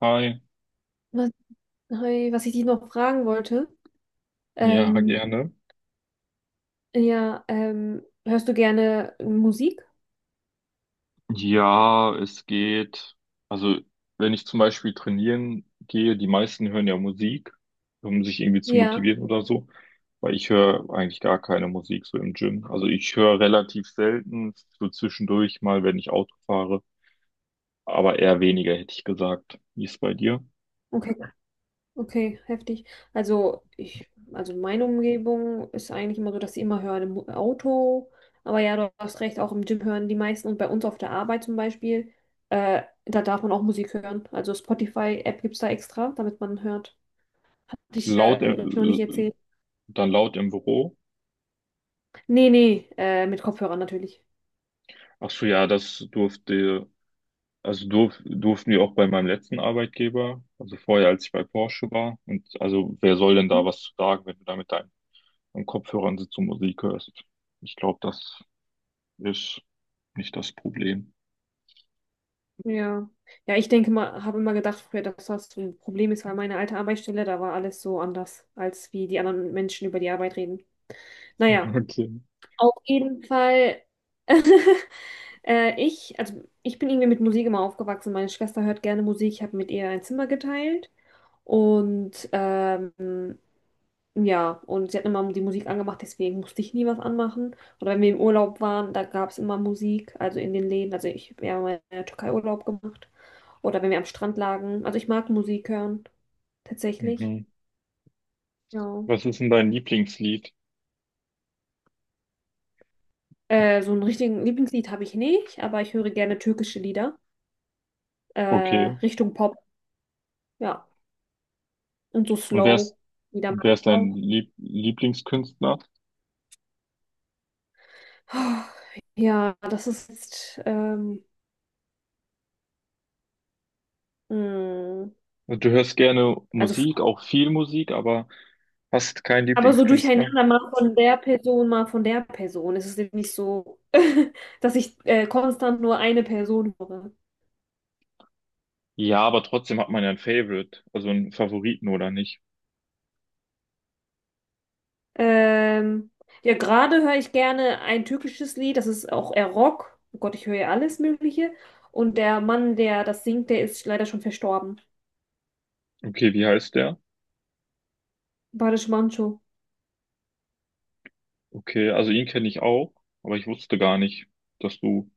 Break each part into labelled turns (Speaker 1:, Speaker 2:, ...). Speaker 1: Hi,
Speaker 2: Was, hi, was ich dich noch fragen wollte,
Speaker 1: ja,
Speaker 2: ähm,
Speaker 1: gerne.
Speaker 2: ja, hörst du gerne Musik?
Speaker 1: Ja, es geht. Also, wenn ich zum Beispiel trainieren gehe, die meisten hören ja Musik, um sich irgendwie zu
Speaker 2: Ja,
Speaker 1: motivieren oder so, weil ich höre eigentlich gar keine Musik so im Gym. Also, ich höre relativ selten, so zwischendurch mal, wenn ich Auto fahre, aber eher weniger, hätte ich gesagt. Wie ist es bei dir?
Speaker 2: okay, okay, heftig. Also meine Umgebung ist eigentlich immer so, dass ich immer höre im Auto, aber ja, du hast recht, auch im Gym hören die meisten und bei uns auf der Arbeit zum Beispiel, da darf man auch Musik hören. Also Spotify-App gibt es da extra, damit man hört.
Speaker 1: Laut,
Speaker 2: Hab ich noch nicht
Speaker 1: im- äh,
Speaker 2: erzählt.
Speaker 1: Dann laut im Büro.
Speaker 2: Nee, nee, mit Kopfhörern natürlich.
Speaker 1: Ach so, ja, das durfte. Also durften wir auch bei meinem letzten Arbeitgeber, also vorher, als ich bei Porsche war. Und also wer soll denn da
Speaker 2: Hm?
Speaker 1: was zu sagen, wenn du da mit deinen Kopfhörern sitzt und Musik hörst? Ich glaube, das ist nicht das Problem.
Speaker 2: Ja. Ja, ich denke mal, habe immer gedacht früher, dass das so ein Problem ist, weil meine alte Arbeitsstelle, da war alles so anders, als wie die anderen Menschen über die Arbeit reden. Naja, auf jeden Fall. Also ich bin irgendwie mit Musik immer aufgewachsen. Meine Schwester hört gerne Musik. Ich habe mit ihr ein Zimmer geteilt. Und ähm, ja, und sie hat immer die Musik angemacht, deswegen musste ich nie was anmachen. Oder wenn wir im Urlaub waren, da gab es immer Musik, also in den Läden. Also ich habe ja mal in der Türkei Urlaub gemacht. Oder wenn wir am Strand lagen. Also ich mag Musik hören,
Speaker 1: Okay.
Speaker 2: tatsächlich.
Speaker 1: Mhm.
Speaker 2: Ja.
Speaker 1: Was ist denn dein Lieblingslied?
Speaker 2: So einen richtigen Lieblingslied habe ich nicht, aber ich höre gerne türkische Lieder.
Speaker 1: Okay.
Speaker 2: Richtung Pop, ja. Und so
Speaker 1: Und
Speaker 2: Slow, Lieder mag
Speaker 1: wer ist
Speaker 2: ich
Speaker 1: dein
Speaker 2: auch.
Speaker 1: Lieblingskünstler?
Speaker 2: Ja, das ist jetzt, mh,
Speaker 1: Du hörst gerne
Speaker 2: also
Speaker 1: Musik, auch viel Musik, aber hast keinen
Speaker 2: aber so
Speaker 1: Lieblingskünstler?
Speaker 2: durcheinander, mal von der Person, mal von der Person. Es ist eben nicht so, dass ich konstant nur eine Person höre.
Speaker 1: Ja, aber trotzdem hat man ja ein Favorite, also einen Favoriten oder nicht.
Speaker 2: Ähm, ja, gerade höre ich gerne ein türkisches Lied, das ist auch eher Rock. Oh Gott, ich höre ja alles Mögliche. Und der Mann, der das singt, der ist leider schon verstorben.
Speaker 1: Okay, wie heißt der?
Speaker 2: Barış Manço.
Speaker 1: Okay, also ihn kenne ich auch, aber ich wusste gar nicht, dass du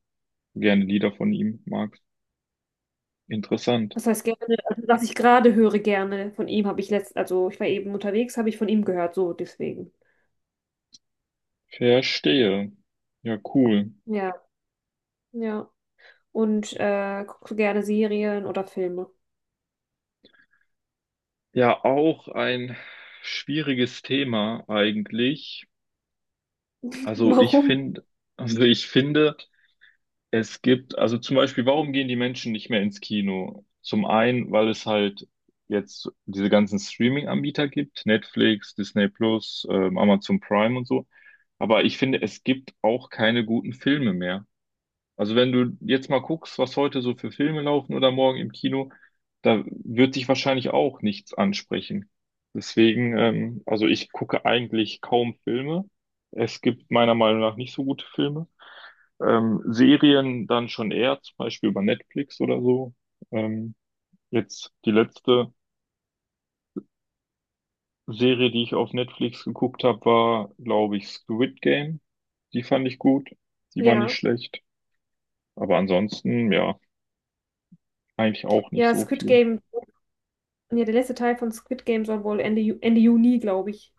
Speaker 1: gerne Lieder von ihm magst. Interessant.
Speaker 2: Das heißt gerne, also was ich gerade höre gerne von ihm, habe ich letzt, also ich war eben unterwegs, habe ich von ihm gehört, so deswegen.
Speaker 1: Verstehe. Ja, cool.
Speaker 2: Ja, ja. Und guckst du gerne Serien oder Filme?
Speaker 1: Ja, auch ein schwieriges Thema eigentlich. Also ich
Speaker 2: Warum?
Speaker 1: finde, also ich finde, also zum Beispiel, warum gehen die Menschen nicht mehr ins Kino? Zum einen, weil es halt jetzt diese ganzen Streaming-Anbieter gibt, Netflix, Disney Plus, Amazon Prime und so. Aber ich finde, es gibt auch keine guten Filme mehr. Also wenn du jetzt mal guckst, was heute so für Filme laufen oder morgen im Kino, da wird dich wahrscheinlich auch nichts ansprechen. Deswegen also ich gucke eigentlich kaum Filme. Es gibt meiner Meinung nach nicht so gute Filme. Serien dann schon eher, zum Beispiel über Netflix oder so. Ähm, Jetzt die letzte Serie, die ich auf Netflix geguckt habe, war, glaube ich, Squid Game. Die fand ich gut. Die war
Speaker 2: Ja.
Speaker 1: nicht schlecht. Aber ansonsten, ja, eigentlich auch nicht
Speaker 2: Ja,
Speaker 1: so
Speaker 2: Squid
Speaker 1: viel.
Speaker 2: Game, ja, der letzte Teil von Squid Game soll wohl Ende Juni, glaube ich,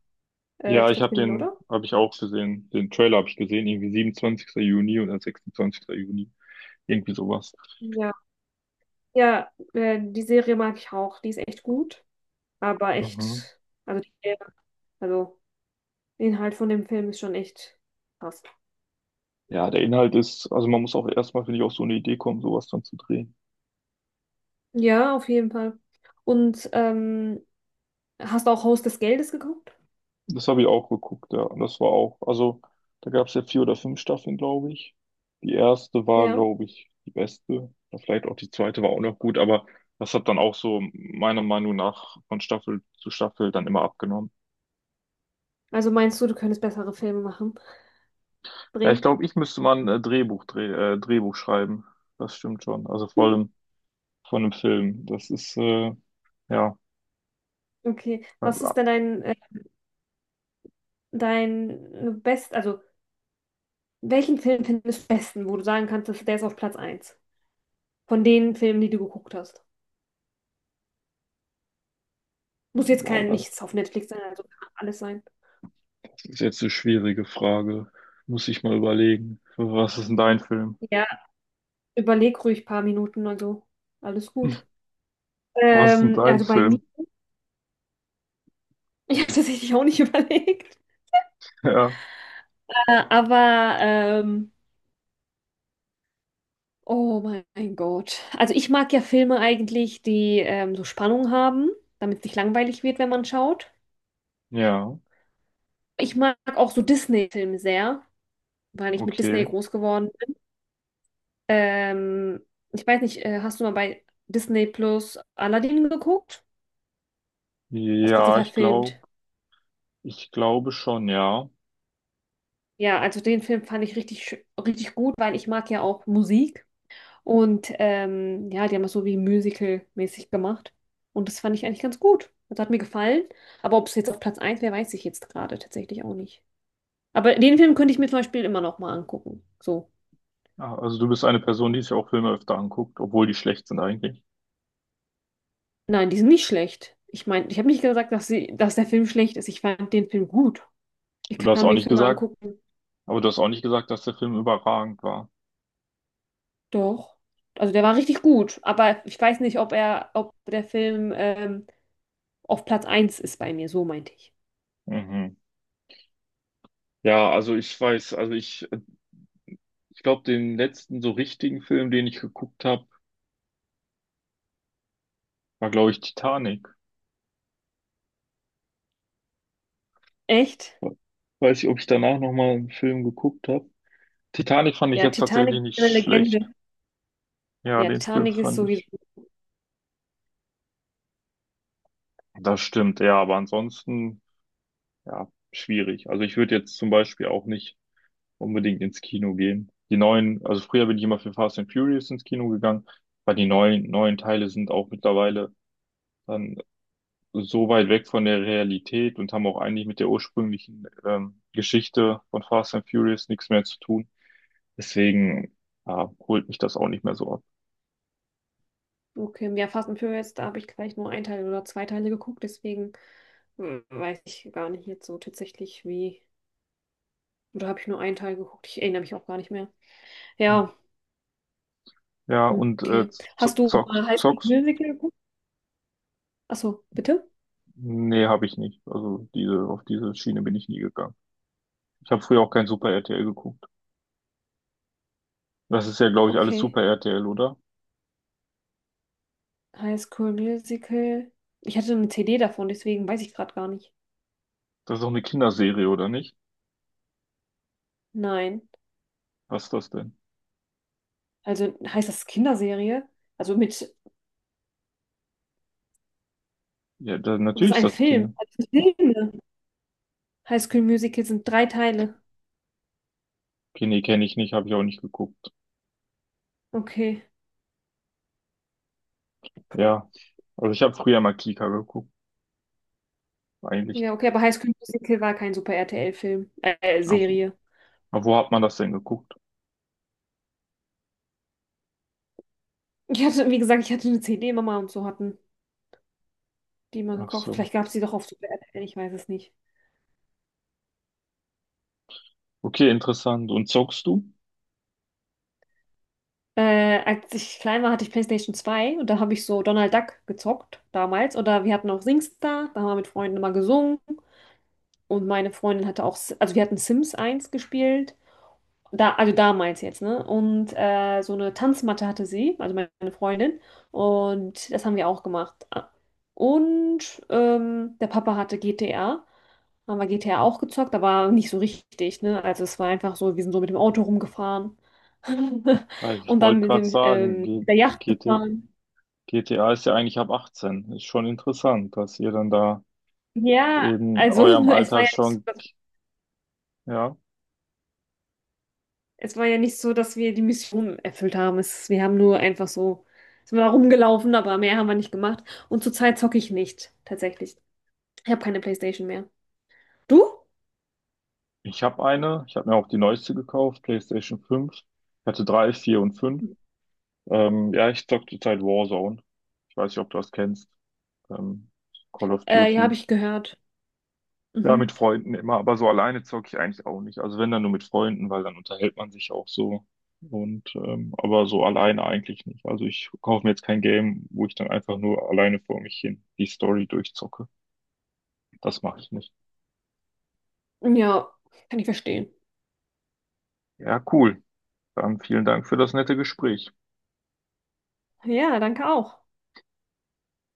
Speaker 1: Ja,
Speaker 2: stattfinden, oder?
Speaker 1: habe ich auch gesehen. Den Trailer habe ich gesehen, irgendwie 27. Juni oder 26. Juni. Irgendwie sowas.
Speaker 2: Ja. Ja, die Serie mag ich auch. Die ist echt gut, aber
Speaker 1: Mhm.
Speaker 2: echt, also, die, also der Inhalt von dem Film ist schon echt krass.
Speaker 1: Ja, der Inhalt ist, also man muss auch erstmal, finde ich, auf so eine Idee kommen, sowas dann zu drehen.
Speaker 2: Ja, auf jeden Fall. Und ähm, Hast du auch Haus des Geldes geguckt?
Speaker 1: Das habe ich auch geguckt, ja. Und das war auch, also da gab es ja vier oder fünf Staffeln, glaube ich. Die erste war,
Speaker 2: Ja.
Speaker 1: glaube ich, die beste. Ja, vielleicht auch die zweite war auch noch gut, aber das hat dann auch so meiner Meinung nach von Staffel zu Staffel dann immer abgenommen.
Speaker 2: Also meinst du, du könntest bessere Filme machen?
Speaker 1: Ja, ich
Speaker 2: Drehen?
Speaker 1: glaube, ich müsste mal ein Drehbuch schreiben. Das stimmt schon. Also vor allem von einem Film. Das ist, ja,
Speaker 2: Okay.
Speaker 1: äh,
Speaker 2: Was ist denn dein, dein Best, also welchen Film findest du am besten, wo du sagen kannst, dass der ist auf Platz eins von den Filmen, die du geguckt hast. Muss jetzt
Speaker 1: boah,
Speaker 2: kein
Speaker 1: das,
Speaker 2: nichts auf Netflix sein, also kann alles sein.
Speaker 1: Das ist jetzt eine schwierige Frage. Muss ich mal überlegen. Was ist denn dein Film?
Speaker 2: Ja, überleg ruhig ein paar Minuten, also alles gut.
Speaker 1: Was ist denn
Speaker 2: Ähm,
Speaker 1: dein
Speaker 2: also bei mir,
Speaker 1: Film?
Speaker 2: Ich habe tatsächlich auch nicht überlegt.
Speaker 1: Ja,
Speaker 2: Äh, Aber, ähm, oh mein Gott. Also ich mag ja Filme eigentlich, die so Spannung haben, damit es nicht langweilig wird, wenn man schaut.
Speaker 1: ja,
Speaker 2: Ich mag auch so Disney-Filme sehr, weil ich mit Disney
Speaker 1: okay.
Speaker 2: groß geworden. Ähm, Ich weiß nicht, hast du mal bei Disney Plus Aladdin geguckt? Das wurde so
Speaker 1: Ja, ich glaube,
Speaker 2: verfilmt.
Speaker 1: Ich glaube schon, ja.
Speaker 2: Ja, also den Film fand ich richtig gut, weil ich mag ja auch Musik. Ja, die haben das so wie Musical-mäßig gemacht. Und das fand ich eigentlich ganz gut. Das hat mir gefallen. Aber ob es jetzt auf Platz eins wäre, weiß ich jetzt gerade tatsächlich auch nicht. Aber den Film könnte ich mir zum Beispiel immer noch mal angucken. So.
Speaker 1: Ah, also du bist eine Person, die sich auch Filme öfter anguckt, obwohl die schlecht sind eigentlich.
Speaker 2: Nein, die sind nicht schlecht. Ich meine, ich habe nicht gesagt, dass der Film schlecht ist. Ich fand den Film gut. Ich
Speaker 1: Und Du hast
Speaker 2: kann
Speaker 1: auch
Speaker 2: mir
Speaker 1: nicht
Speaker 2: Filme
Speaker 1: gesagt,
Speaker 2: angucken.
Speaker 1: Aber du hast auch nicht gesagt, dass der Film überragend war.
Speaker 2: Doch. Also der war richtig gut, aber ich weiß nicht, ob der Film auf Platz eins ist bei mir, so meinte ich.
Speaker 1: Mhm. Also ich glaube, den letzten so richtigen Film, den ich geguckt habe, war, glaube ich, Titanic.
Speaker 2: Echt?
Speaker 1: Weiß ich, ob ich danach nochmal einen Film geguckt habe. Titanic fand ich
Speaker 2: Ja,
Speaker 1: jetzt
Speaker 2: Titanic
Speaker 1: tatsächlich
Speaker 2: ist
Speaker 1: nicht
Speaker 2: eine
Speaker 1: schlecht.
Speaker 2: Legende.
Speaker 1: Ja,
Speaker 2: Ja,
Speaker 1: den Film
Speaker 2: Titanic ist
Speaker 1: fand
Speaker 2: sowieso.
Speaker 1: ich. Das stimmt, ja, aber ansonsten, ja, schwierig. Also ich würde jetzt zum Beispiel auch nicht unbedingt ins Kino gehen. Also früher bin ich immer für Fast and Furious ins Kino gegangen, weil die neuen Teile sind auch mittlerweile dann so weit weg von der Realität und haben auch eigentlich mit der ursprünglichen Geschichte von Fast and Furious nichts mehr zu tun. Deswegen ja, holt mich das auch nicht mehr so ab.
Speaker 2: Okay, ja, Fast and Furious, da habe ich gleich nur ein Teil oder zwei Teile geguckt, deswegen weiß ich gar nicht jetzt so tatsächlich wie. Oder habe ich nur einen Teil geguckt? Ich erinnere mich auch gar nicht mehr. Ja,
Speaker 1: Ja, und
Speaker 2: okay. Hast du mal High School
Speaker 1: Zocks?
Speaker 2: Musical geguckt? Achso, bitte?
Speaker 1: Nee, habe ich nicht. Also diese, auf diese Schiene bin ich nie gegangen. Ich habe früher auch kein Super RTL geguckt. Das ist ja, glaube ich, alles
Speaker 2: Okay.
Speaker 1: Super RTL, oder?
Speaker 2: High School Musical. Ich hatte eine CD davon, deswegen weiß ich gerade gar nicht.
Speaker 1: Das ist doch eine Kinderserie, oder nicht?
Speaker 2: Nein.
Speaker 1: Was ist das denn?
Speaker 2: Also heißt das Kinderserie? Also mit,
Speaker 1: Ja, da,
Speaker 2: das ist
Speaker 1: natürlich ist
Speaker 2: ein
Speaker 1: das
Speaker 2: Film.
Speaker 1: Kinder.
Speaker 2: Also Filme. High School Musical sind drei Teile.
Speaker 1: Okay, nee, kenne ich nicht, habe ich auch nicht geguckt.
Speaker 2: Okay.
Speaker 1: Ja, also ich habe früher mal Kika geguckt,
Speaker 2: Ja,
Speaker 1: eigentlich.
Speaker 2: okay, aber High School Musical war kein Super RTL-Film,
Speaker 1: Auf,
Speaker 2: Serie.
Speaker 1: auf wo hat man das denn geguckt?
Speaker 2: Ich hatte, wie gesagt, ich hatte eine CD, Mama und so hatten die mal
Speaker 1: Ach
Speaker 2: gekauft.
Speaker 1: so.
Speaker 2: Vielleicht gab es die doch auf Super RTL, ich weiß es nicht.
Speaker 1: Okay, interessant. Und zockst du?
Speaker 2: Als ich klein war, hatte ich PlayStation zwei und da habe ich so Donald Duck gezockt damals. Oder wir hatten auch SingStar, da haben wir mit Freunden immer gesungen. Und meine Freundin hatte auch, also wir hatten Sims eins gespielt, da, also damals jetzt, ne? Und so eine Tanzmatte hatte sie, also meine Freundin. Und das haben wir auch gemacht. Der Papa hatte GTA. Haben wir GTA auch gezockt, aber nicht so richtig, ne? Also es war einfach so, wir sind so mit dem Auto rumgefahren.
Speaker 1: Weil ich
Speaker 2: Und
Speaker 1: wollte
Speaker 2: dann mit
Speaker 1: gerade
Speaker 2: dem,
Speaker 1: sagen, G
Speaker 2: mit der Yacht
Speaker 1: GT
Speaker 2: gefahren.
Speaker 1: GTA ist ja eigentlich ab 18. Ist schon interessant, dass ihr dann da
Speaker 2: Ja,
Speaker 1: in
Speaker 2: also
Speaker 1: eurem
Speaker 2: es war
Speaker 1: Alter
Speaker 2: ja nicht so.
Speaker 1: schon, ja.
Speaker 2: Es war ja nicht so, dass wir die Mission erfüllt haben. Wir haben nur einfach so, sind wir da rumgelaufen, aber mehr haben wir nicht gemacht. Und zurzeit zocke ich nicht, tatsächlich. Ich habe keine PlayStation mehr. Du?
Speaker 1: Ich habe eine, ich habe mir auch die neueste gekauft, PlayStation 5. Ich hatte drei, vier und fünf. Ja, ich zocke zurzeit Warzone. Ich weiß nicht, ob du das kennst. Ähm, Call of
Speaker 2: Ja, habe
Speaker 1: Duty.
Speaker 2: ich gehört.
Speaker 1: Ja, mit
Speaker 2: Mhm.
Speaker 1: Freunden immer, aber so alleine zocke ich eigentlich auch nicht. Also wenn dann nur mit Freunden, weil dann unterhält man sich auch so. Und aber so alleine eigentlich nicht. Also ich kaufe mir jetzt kein Game, wo ich dann einfach nur alleine vor mich hin die Story durchzocke. Das mache ich nicht.
Speaker 2: Ja, kann ich verstehen.
Speaker 1: Ja, cool. Dann vielen Dank für das nette Gespräch.
Speaker 2: Ja, danke auch.